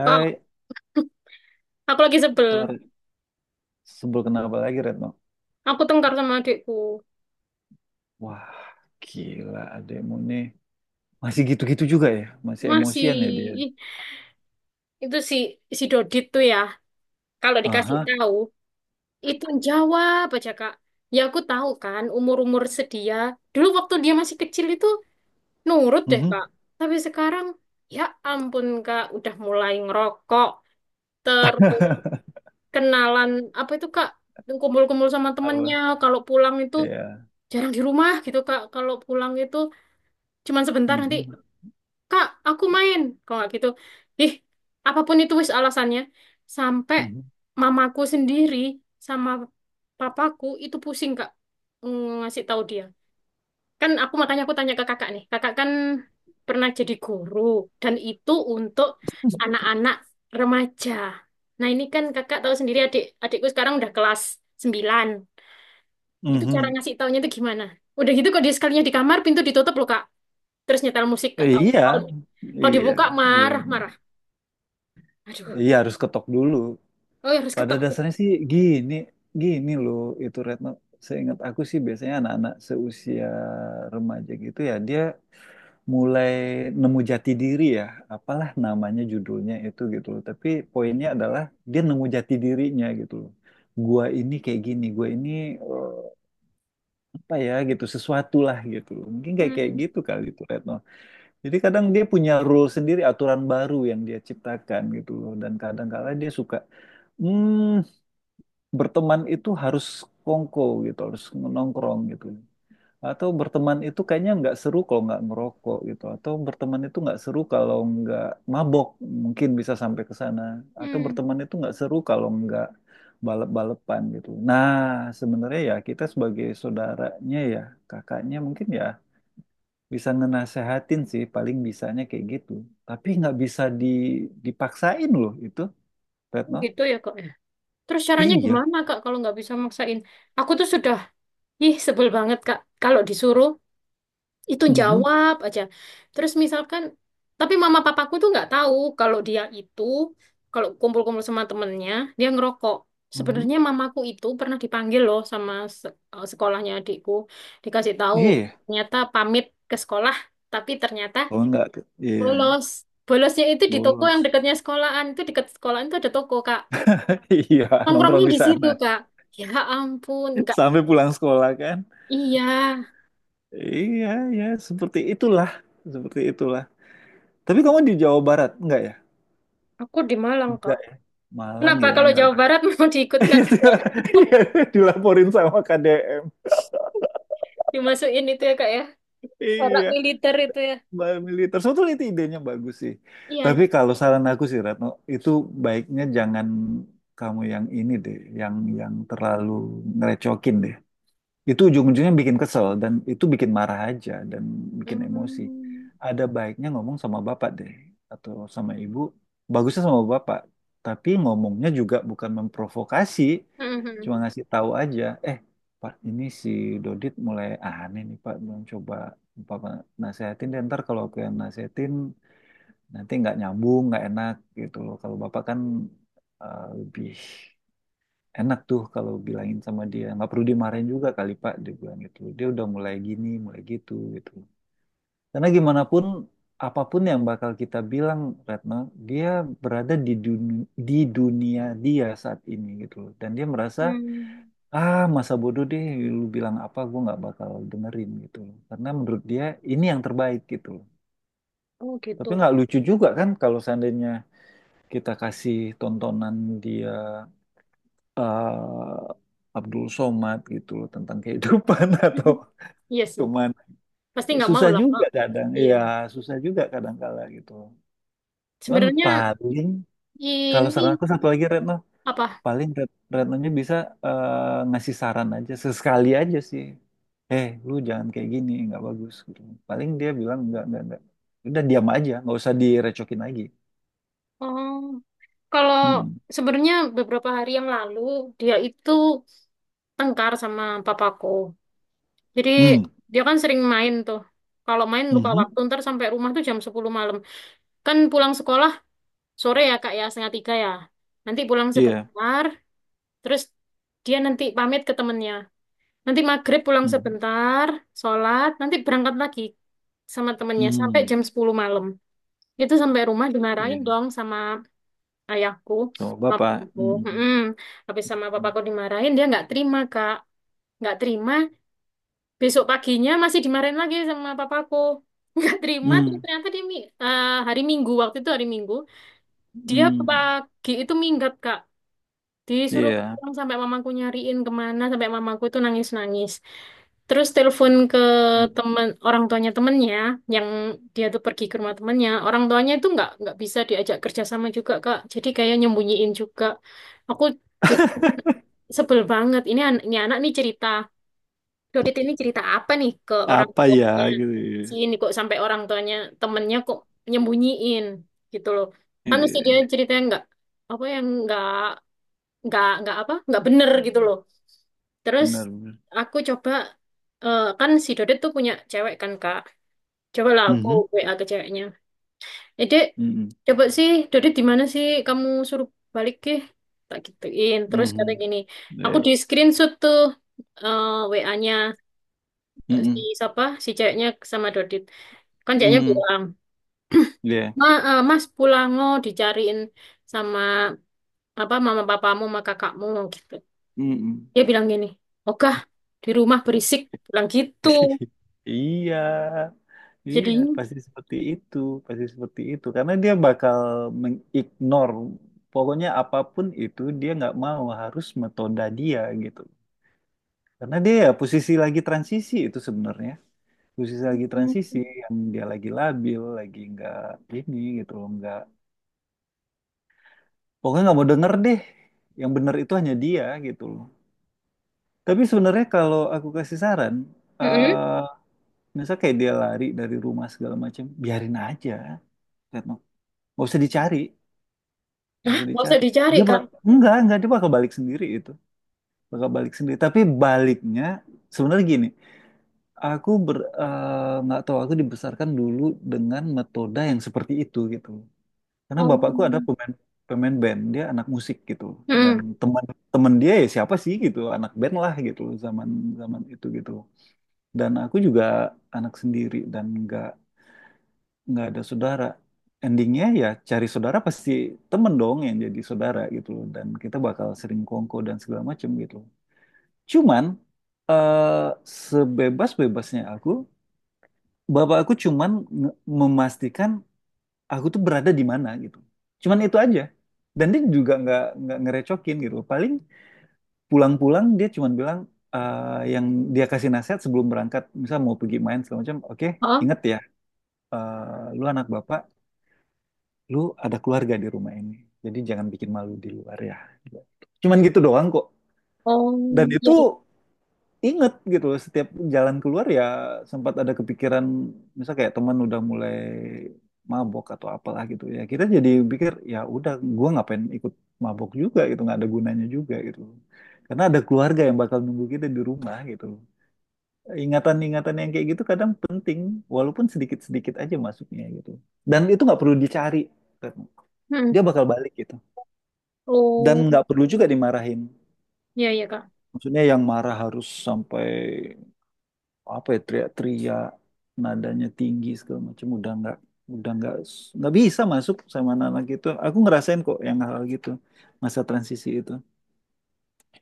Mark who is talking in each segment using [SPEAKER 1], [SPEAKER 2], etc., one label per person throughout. [SPEAKER 1] Hai,
[SPEAKER 2] Kak, aku lagi sebel.
[SPEAKER 1] kalau Re- sebel kenapa lagi Retno?
[SPEAKER 2] Aku tengkar sama adikku.
[SPEAKER 1] Wah, gila adekmu nih. Masih gitu-gitu juga ya? Masih
[SPEAKER 2] Masih.
[SPEAKER 1] emosian ya dia?
[SPEAKER 2] Ih, itu si si Dodit tuh ya. Kalau dikasih
[SPEAKER 1] Aha,
[SPEAKER 2] tahu, itu jawab aja, Kak. Ya aku tahu kan umur-umur sedia. Dulu waktu dia masih kecil itu nurut deh,
[SPEAKER 1] mhm.
[SPEAKER 2] Kak. Tapi sekarang ya ampun, Kak, udah mulai ngerokok, terus kenalan apa itu, Kak? Kumpul-kumpul sama temennya.
[SPEAKER 1] Apa?
[SPEAKER 2] Kalau pulang itu
[SPEAKER 1] Ya.
[SPEAKER 2] jarang di rumah gitu, Kak. Kalau pulang itu cuman sebentar, nanti,
[SPEAKER 1] Mhm,
[SPEAKER 2] Kak, aku main. Kalau nggak gitu, ih, apapun itu wis alasannya. Sampai
[SPEAKER 1] mhm,
[SPEAKER 2] mamaku sendiri sama papaku itu pusing, Kak, ngasih tahu dia. Kan aku, makanya aku tanya ke kakak nih. Kakak kan pernah jadi guru dan itu untuk anak-anak remaja. Nah, ini kan kakak tahu sendiri adik adikku sekarang udah kelas 9. Itu cara
[SPEAKER 1] mhm.
[SPEAKER 2] ngasih taunya itu gimana? Udah gitu kok dia sekalinya di kamar, pintu ditutup loh, Kak. Terus nyetel musik gak
[SPEAKER 1] Eh,
[SPEAKER 2] tahu.
[SPEAKER 1] iya,
[SPEAKER 2] Kalau kalau
[SPEAKER 1] iya,
[SPEAKER 2] dibuka
[SPEAKER 1] iya.
[SPEAKER 2] marah-marah. Aduh,
[SPEAKER 1] Iya harus ketok dulu.
[SPEAKER 2] oh ya harus
[SPEAKER 1] Pada
[SPEAKER 2] ketok.
[SPEAKER 1] dasarnya sih gini, gini loh itu Retno. Seingat aku sih biasanya anak-anak seusia remaja gitu ya, dia mulai nemu jati diri ya, apalah namanya judulnya itu gitu loh. Tapi poinnya adalah dia nemu jati dirinya gitu loh. Gua ini kayak gini, gua ini eh, apa ya gitu, sesuatu lah gitu loh. Mungkin kayak kayak
[SPEAKER 2] Hmm.
[SPEAKER 1] gitu kali itu Retno. Jadi kadang dia punya rule sendiri, aturan baru yang dia ciptakan gitu loh. Dan kadang kala dia suka, hmm, berteman itu harus kongko gitu, harus nongkrong gitu. Atau berteman itu kayaknya nggak seru kalau nggak merokok gitu. Atau berteman itu nggak seru kalau nggak mabok. Mungkin bisa sampai ke sana. Atau
[SPEAKER 2] Hmm.
[SPEAKER 1] berteman itu nggak seru kalau nggak balap-balapan gitu. Nah, sebenarnya ya kita sebagai saudaranya ya, kakaknya mungkin ya bisa ngenasehatin sih paling bisanya kayak gitu. Tapi nggak bisa dipaksain loh itu, Retno.
[SPEAKER 2] Gitu ya kok ya. Terus caranya
[SPEAKER 1] Iya.
[SPEAKER 2] gimana kak kalau nggak bisa maksain? Aku tuh sudah, ih, sebel banget kak. Kalau disuruh itu
[SPEAKER 1] Mhm,
[SPEAKER 2] jawab aja. Terus misalkan, tapi mama papaku tuh nggak tahu kalau dia itu kalau kumpul-kumpul sama temennya dia ngerokok.
[SPEAKER 1] mhm.
[SPEAKER 2] Sebenarnya mamaku itu pernah dipanggil loh sama sekolahnya adikku. Dikasih tahu,
[SPEAKER 1] Iya. Ya.
[SPEAKER 2] ternyata pamit ke sekolah, tapi ternyata
[SPEAKER 1] Kalau nggak, iya,
[SPEAKER 2] bolos. Bolosnya itu di toko yang
[SPEAKER 1] bolos.
[SPEAKER 2] dekatnya sekolahan. Itu dekat sekolahan itu ada toko, Kak.
[SPEAKER 1] Iya,
[SPEAKER 2] Nongkrongnya
[SPEAKER 1] nongkrong di
[SPEAKER 2] di situ,
[SPEAKER 1] sana.
[SPEAKER 2] Kak. Ya ampun, enggak.
[SPEAKER 1] Sampai pulang sekolah kan.
[SPEAKER 2] Iya,
[SPEAKER 1] Iya, ya seperti itulah, seperti itulah. Tapi kamu di Jawa Barat enggak ya?
[SPEAKER 2] aku di Malang, Kak.
[SPEAKER 1] Enggak ya. Malang
[SPEAKER 2] Kenapa
[SPEAKER 1] ya,
[SPEAKER 2] kalau
[SPEAKER 1] enggak
[SPEAKER 2] Jawa
[SPEAKER 1] ada.
[SPEAKER 2] Barat mau diikutkan,
[SPEAKER 1] Iya, iya, dilaporin sama KDM.
[SPEAKER 2] dimasukin itu ya, Kak ya? Corak
[SPEAKER 1] Iya,
[SPEAKER 2] militer itu ya.
[SPEAKER 1] mbak militer. Sebetulnya itu idenya bagus sih.
[SPEAKER 2] Iya,
[SPEAKER 1] Tapi
[SPEAKER 2] itu.
[SPEAKER 1] kalau saran aku sih Ratno, itu baiknya jangan kamu yang ini deh, yang terlalu ngerecokin deh. Itu ujung-ujungnya bikin kesel dan itu bikin marah aja dan bikin emosi.
[SPEAKER 2] Hmm.
[SPEAKER 1] Ada baiknya ngomong sama bapak deh atau sama ibu. Bagusnya sama bapak, tapi ngomongnya juga bukan memprovokasi, cuma
[SPEAKER 2] Mhm.
[SPEAKER 1] ngasih tahu aja. Eh, Pak, ini si Dodit mulai aneh nih Pak, belum coba Bapak nasehatin deh. Ntar kalau aku yang nasehatin nanti nggak nyambung, nggak enak gitu loh. Kalau Bapak kan lebih enak tuh kalau bilangin sama dia nggak perlu dimarahin juga kali Pak, dia bilang gitu dia udah mulai gini mulai gitu gitu, karena gimana pun apapun yang bakal kita bilang Retno, dia berada di dunia dia saat ini gitu loh, dan dia merasa
[SPEAKER 2] Hmm.
[SPEAKER 1] ah masa bodoh deh, lu bilang apa gue nggak bakal dengerin gitu loh, karena menurut dia ini yang terbaik gitu loh.
[SPEAKER 2] Oh,
[SPEAKER 1] Tapi
[SPEAKER 2] gitu.
[SPEAKER 1] nggak lucu juga kan kalau seandainya kita kasih tontonan dia eh, Abdul Somad gitu loh tentang kehidupan atau
[SPEAKER 2] Iya sih.
[SPEAKER 1] kemana.
[SPEAKER 2] Pasti nggak mau
[SPEAKER 1] Susah
[SPEAKER 2] lah, Kak.
[SPEAKER 1] juga kadang,
[SPEAKER 2] Iya.
[SPEAKER 1] ya susah juga kadang kala gitu. Cuman
[SPEAKER 2] Sebenarnya
[SPEAKER 1] paling kalau
[SPEAKER 2] ini
[SPEAKER 1] saran aku satu lagi Retno,
[SPEAKER 2] apa?
[SPEAKER 1] paling Retnonya bisa ngasih saran aja sesekali aja sih. Eh, lu jangan kayak gini, nggak bagus gitu. Paling dia bilang nggak nggak. Udah diam aja, nggak usah direcokin lagi.
[SPEAKER 2] Oh, kalau
[SPEAKER 1] Hmm.
[SPEAKER 2] sebenarnya beberapa hari yang lalu dia itu tengkar sama papaku. Jadi
[SPEAKER 1] Hmm.
[SPEAKER 2] dia kan sering main tuh. Kalau main lupa
[SPEAKER 1] Mhm.
[SPEAKER 2] waktu, ntar sampai rumah tuh jam 10 malam. Kan pulang sekolah sore ya kak ya, setengah tiga ya. Nanti pulang
[SPEAKER 1] Iya.
[SPEAKER 2] sebentar, terus dia nanti pamit ke temennya. Nanti maghrib pulang
[SPEAKER 1] Hmm.
[SPEAKER 2] sebentar, sholat, nanti berangkat lagi sama temennya
[SPEAKER 1] Hmm.
[SPEAKER 2] sampai
[SPEAKER 1] Hmm.
[SPEAKER 2] jam 10 malam. Itu sampai rumah dimarahin
[SPEAKER 1] Iya.
[SPEAKER 2] dong sama ayahku,
[SPEAKER 1] Coba Pak.
[SPEAKER 2] papaku.
[SPEAKER 1] Hmm.
[SPEAKER 2] Mm-mm. Habis sama
[SPEAKER 1] Hmm.
[SPEAKER 2] papaku dimarahin, dia nggak terima, Kak. Nggak terima, besok paginya masih dimarahin lagi sama papaku. Nggak terima, terus
[SPEAKER 1] Hmm.
[SPEAKER 2] ternyata hari Minggu, waktu itu hari Minggu, dia
[SPEAKER 1] Hmm,
[SPEAKER 2] pagi itu minggat, Kak. Disuruh
[SPEAKER 1] iya.
[SPEAKER 2] pulang sampai mamaku nyariin kemana, sampai mamaku itu nangis-nangis. Terus telepon ke temen orang tuanya temennya, yang dia tuh pergi ke rumah temennya. Orang tuanya itu nggak bisa diajak kerjasama juga Kak. Jadi kayak nyembunyiin juga. Aku jadi sebel banget. Ini anak nih cerita. Dodit ini cerita apa nih ke orang
[SPEAKER 1] Apa ya
[SPEAKER 2] tuanya?
[SPEAKER 1] gitu ya.
[SPEAKER 2] Si ini kok sampai orang tuanya temennya kok nyembunyiin gitu loh. Kan mesti dia
[SPEAKER 1] Iya,
[SPEAKER 2] ceritanya nggak apa yang nggak apa, nggak bener gitu loh. Terus
[SPEAKER 1] benar benar.
[SPEAKER 2] aku coba, eh, kan si Dodet tuh punya cewek kan kak, cobalah aku
[SPEAKER 1] Mhm,
[SPEAKER 2] WA ke ceweknya, eh Dek,
[SPEAKER 1] mhm,
[SPEAKER 2] coba sih Dodet di mana sih, kamu suruh balik, ke tak gituin, terus kata
[SPEAKER 1] mhm.
[SPEAKER 2] gini, aku
[SPEAKER 1] Iya.
[SPEAKER 2] di screenshot tuh WA-nya si
[SPEAKER 1] Mhm,
[SPEAKER 2] siapa si ceweknya sama Dodit. Kan ceweknya
[SPEAKER 1] mhm.
[SPEAKER 2] bilang,
[SPEAKER 1] Iya.
[SPEAKER 2] Mas pulang, oh dicariin sama apa mama papamu sama kakakmu gitu.
[SPEAKER 1] Mhm.
[SPEAKER 2] Dia bilang gini, Ogah, di rumah berisik. Bilang gitu.
[SPEAKER 1] Iya.
[SPEAKER 2] Jadi,
[SPEAKER 1] Iya, pasti seperti itu, pasti seperti itu. Karena dia bakal mengignore, pokoknya apapun itu dia nggak mau, harus metoda dia gitu. Karena dia ya posisi lagi transisi itu sebenarnya. Posisi lagi transisi yang dia lagi labil, lagi nggak ini gitu loh, nggak pokoknya nggak mau denger deh. Yang bener itu hanya dia gitu loh. Tapi sebenarnya kalau aku kasih saran,
[SPEAKER 2] mm-mm.
[SPEAKER 1] eh misal kayak dia lari dari rumah segala macam, biarin aja, Retno. Nggak usah dicari,
[SPEAKER 2] Hah,
[SPEAKER 1] nggak usah
[SPEAKER 2] nggak usah
[SPEAKER 1] dicari.
[SPEAKER 2] dicari,
[SPEAKER 1] Dia bak
[SPEAKER 2] Kak.
[SPEAKER 1] Enggak, dia bakal balik sendiri itu, bakal balik sendiri. Tapi baliknya sebenarnya gini. Nggak tahu aku dibesarkan dulu dengan metode yang seperti itu gitu. Karena
[SPEAKER 2] Oh,
[SPEAKER 1] bapakku ada pemain pemain band, dia anak musik gitu. Dan
[SPEAKER 2] mm-mm.
[SPEAKER 1] teman teman dia ya siapa sih gitu, anak band lah gitu zaman zaman itu gitu. Dan aku juga anak sendiri dan nggak ada saudara. Endingnya ya cari saudara pasti temen dong yang jadi saudara gitu loh. Dan kita bakal sering kongko dan segala macem gitu. Cuman eh sebebas-bebasnya aku, Bapak aku cuman memastikan aku tuh berada di mana gitu. Cuman itu aja. Dan dia juga nggak ngerecokin gitu. Paling pulang-pulang dia cuman bilang yang dia kasih nasihat sebelum berangkat, misal mau pergi main segala macam, oke,
[SPEAKER 2] Hah?
[SPEAKER 1] inget ya, lu anak bapak, lu ada keluarga di rumah ini. Jadi jangan bikin malu di luar ya. Cuman gitu doang kok.
[SPEAKER 2] Oh,
[SPEAKER 1] Dan itu
[SPEAKER 2] iya.
[SPEAKER 1] inget gitu loh, setiap jalan keluar ya sempat ada kepikiran misal kayak teman udah mulai mabok atau apalah gitu, ya kita jadi pikir ya udah, gua ngapain ikut mabok juga gitu, nggak ada gunanya juga gitu, karena ada keluarga yang bakal nunggu kita di rumah gitu. Ingatan-ingatan yang kayak gitu kadang penting, walaupun sedikit-sedikit aja masuknya gitu, dan itu nggak perlu dicari Retno.
[SPEAKER 2] Mm-mm.
[SPEAKER 1] Dia bakal balik gitu, dan
[SPEAKER 2] Oh,
[SPEAKER 1] nggak perlu juga dimarahin,
[SPEAKER 2] iya, iya, Kak.
[SPEAKER 1] maksudnya yang marah harus sampai apa ya teriak-teriak, nadanya tinggi segala macam, udah udah nggak nggak bisa masuk sama anak-anak gitu. Aku ngerasain kok yang hal gitu, masa transisi itu.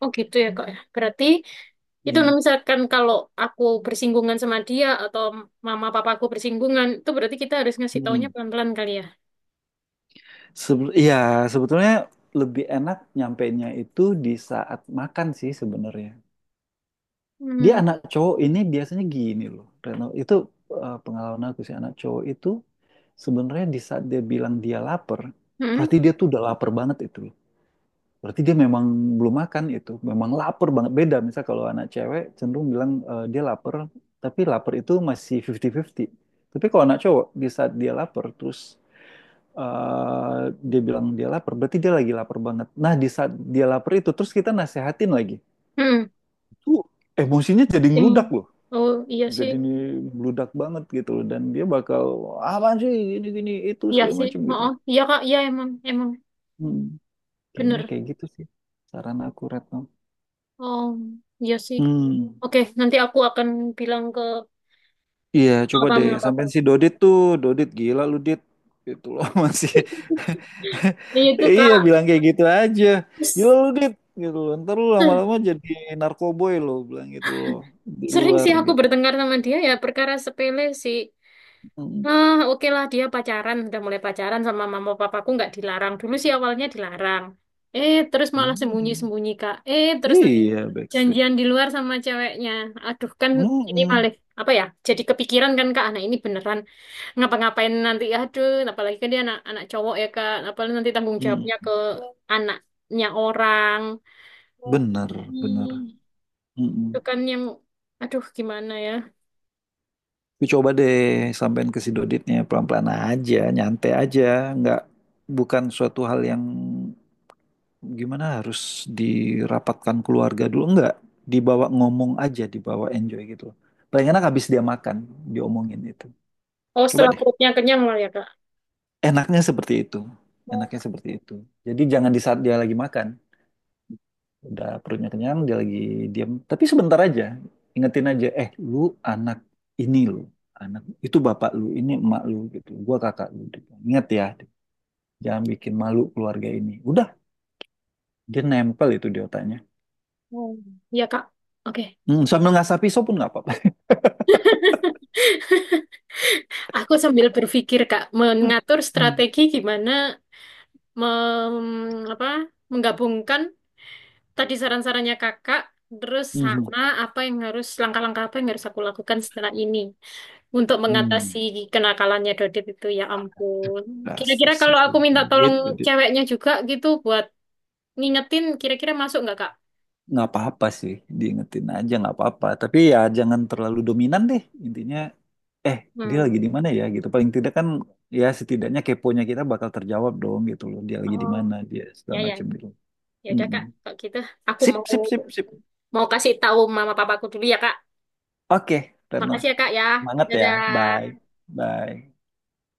[SPEAKER 2] Oh, gitu ya, Kak. Ya. Berarti itu
[SPEAKER 1] Iya.
[SPEAKER 2] misalkan kalau aku bersinggungan sama dia atau mama papaku bersinggungan, itu berarti kita harus ngasih taunya
[SPEAKER 1] Hmm.
[SPEAKER 2] pelan-pelan kali ya.
[SPEAKER 1] Iya, sebetulnya lebih enak nyampainya itu di saat makan sih sebenarnya. Dia
[SPEAKER 2] Hmm.
[SPEAKER 1] anak cowok ini biasanya gini loh Reno itu, pengalaman aku sih anak cowok itu sebenarnya di saat dia bilang dia lapar,
[SPEAKER 2] Hmm.
[SPEAKER 1] berarti dia tuh udah lapar banget itu. Berarti dia memang belum makan itu, memang lapar banget. Beda misal kalau anak cewek cenderung bilang dia lapar, tapi lapar itu masih 50-50. Tapi kalau anak cowok di saat dia lapar terus eh, dia bilang dia lapar, berarti dia lagi lapar banget. Nah, di saat dia lapar itu terus kita nasehatin lagi.
[SPEAKER 2] Hmm.
[SPEAKER 1] Itu emosinya jadi ngeludak
[SPEAKER 2] Em-
[SPEAKER 1] loh.
[SPEAKER 2] Oh, iya
[SPEAKER 1] Jadi
[SPEAKER 2] sih.
[SPEAKER 1] ini meludak banget gitu loh, dan dia bakal apaan sih gini gini itu
[SPEAKER 2] Iya
[SPEAKER 1] segala
[SPEAKER 2] sih.
[SPEAKER 1] macam
[SPEAKER 2] Oh,
[SPEAKER 1] gitu.
[SPEAKER 2] oh, iya, Kak. Iya, emang. Emang.
[SPEAKER 1] Hmm, Kayaknya
[SPEAKER 2] Bener.
[SPEAKER 1] kayak gitu sih saran aku Retno.
[SPEAKER 2] Oh, iya sih.
[SPEAKER 1] Hmm.
[SPEAKER 2] Oke, nanti aku akan bilang ke
[SPEAKER 1] Iya, coba deh
[SPEAKER 2] papamu apa apa.
[SPEAKER 1] sampein si Dodit tuh, Dodit gila lu Dit. Itu loh masih
[SPEAKER 2] Ya ya itu
[SPEAKER 1] iya,
[SPEAKER 2] Kak,
[SPEAKER 1] bilang kayak gitu aja. Gila
[SPEAKER 2] S-
[SPEAKER 1] lu Dit gitu loh. Ntar lu lama-lama jadi narkoboy lo, bilang gitu loh di
[SPEAKER 2] sering
[SPEAKER 1] luar
[SPEAKER 2] sih aku
[SPEAKER 1] gitu.
[SPEAKER 2] bertengkar sama dia ya perkara sepele sih.
[SPEAKER 1] Mm.
[SPEAKER 2] Ah, oke lah dia pacaran, udah mulai pacaran sama mama papaku nggak dilarang. Dulu sih awalnya dilarang. Eh, terus malah
[SPEAKER 1] Iya,
[SPEAKER 2] sembunyi-sembunyi Kak. Eh, terus nanti
[SPEAKER 1] iya, Backstreet.
[SPEAKER 2] janjian di luar sama ceweknya. Aduh, kan ini
[SPEAKER 1] Mm-mm.
[SPEAKER 2] malah apa ya? Jadi kepikiran kan Kak, anak ini beneran ngapa-ngapain nanti, aduh, apalagi kan dia anak anak cowok ya kak, apalagi nanti tanggung
[SPEAKER 1] Mm.
[SPEAKER 2] jawabnya ke anaknya orang.
[SPEAKER 1] Bener, bener.
[SPEAKER 2] Ih, itu
[SPEAKER 1] Mm-mm.
[SPEAKER 2] kan yang, aduh, gimana ya.
[SPEAKER 1] Tapi coba deh sampein ke si Doditnya pelan-pelan aja, nyantai aja, nggak, bukan suatu hal yang gimana harus dirapatkan keluarga dulu, enggak, dibawa ngomong aja, dibawa enjoy gitu loh. Paling enak habis dia makan diomongin itu,
[SPEAKER 2] Oh,
[SPEAKER 1] coba
[SPEAKER 2] setelah
[SPEAKER 1] deh.
[SPEAKER 2] perutnya kenyang lah ya kak.
[SPEAKER 1] Enaknya seperti itu, enaknya seperti itu. Jadi jangan di saat dia lagi makan, udah perutnya kenyang, dia lagi diam, tapi sebentar aja ingetin aja, eh lu anak ini, lu anak itu, bapak lu ini, emak lu gitu, gua kakak lu gitu. Ingat ya, jangan bikin malu keluarga ini, udah, dia nempel itu di otaknya.
[SPEAKER 2] Hmm. Ya kak, oke.
[SPEAKER 1] Hmm, sambil ngasah pisau pun nggak.
[SPEAKER 2] Aku sambil berpikir kak,
[SPEAKER 1] Hmm.
[SPEAKER 2] mengatur strategi gimana mem- apa menggabungkan tadi saran-sarannya kakak, terus
[SPEAKER 1] Mhm.
[SPEAKER 2] sama apa yang harus langkah-langkah apa yang harus aku lakukan setelah ini untuk mengatasi
[SPEAKER 1] Hmm.
[SPEAKER 2] kenakalannya Dodit itu ya ampun.
[SPEAKER 1] Dasar
[SPEAKER 2] Kira-kira
[SPEAKER 1] si
[SPEAKER 2] kalau aku minta tolong
[SPEAKER 1] pelit. Jadi
[SPEAKER 2] ceweknya juga gitu buat ngingetin, kira-kira masuk nggak Kak?
[SPEAKER 1] nggak apa-apa sih, diingetin aja nggak apa-apa. Tapi ya jangan terlalu dominan deh. Intinya, eh dia
[SPEAKER 2] Hmm.
[SPEAKER 1] lagi di mana ya gitu. Paling tidak kan ya setidaknya keponya kita bakal terjawab dong gitu loh. Dia lagi di
[SPEAKER 2] Oh,
[SPEAKER 1] mana, dia
[SPEAKER 2] ya
[SPEAKER 1] segala
[SPEAKER 2] ya.
[SPEAKER 1] macam gitu.
[SPEAKER 2] Ya udah
[SPEAKER 1] Mm-mm.
[SPEAKER 2] Kak, kalau gitu aku mau
[SPEAKER 1] Sip, sip, sip, sip.
[SPEAKER 2] mau kasih tahu mama papaku dulu ya Kak.
[SPEAKER 1] Oke, Reno.
[SPEAKER 2] Makasih ya Kak ya.
[SPEAKER 1] Semangat ya. Bye.
[SPEAKER 2] Dadah.
[SPEAKER 1] Bye.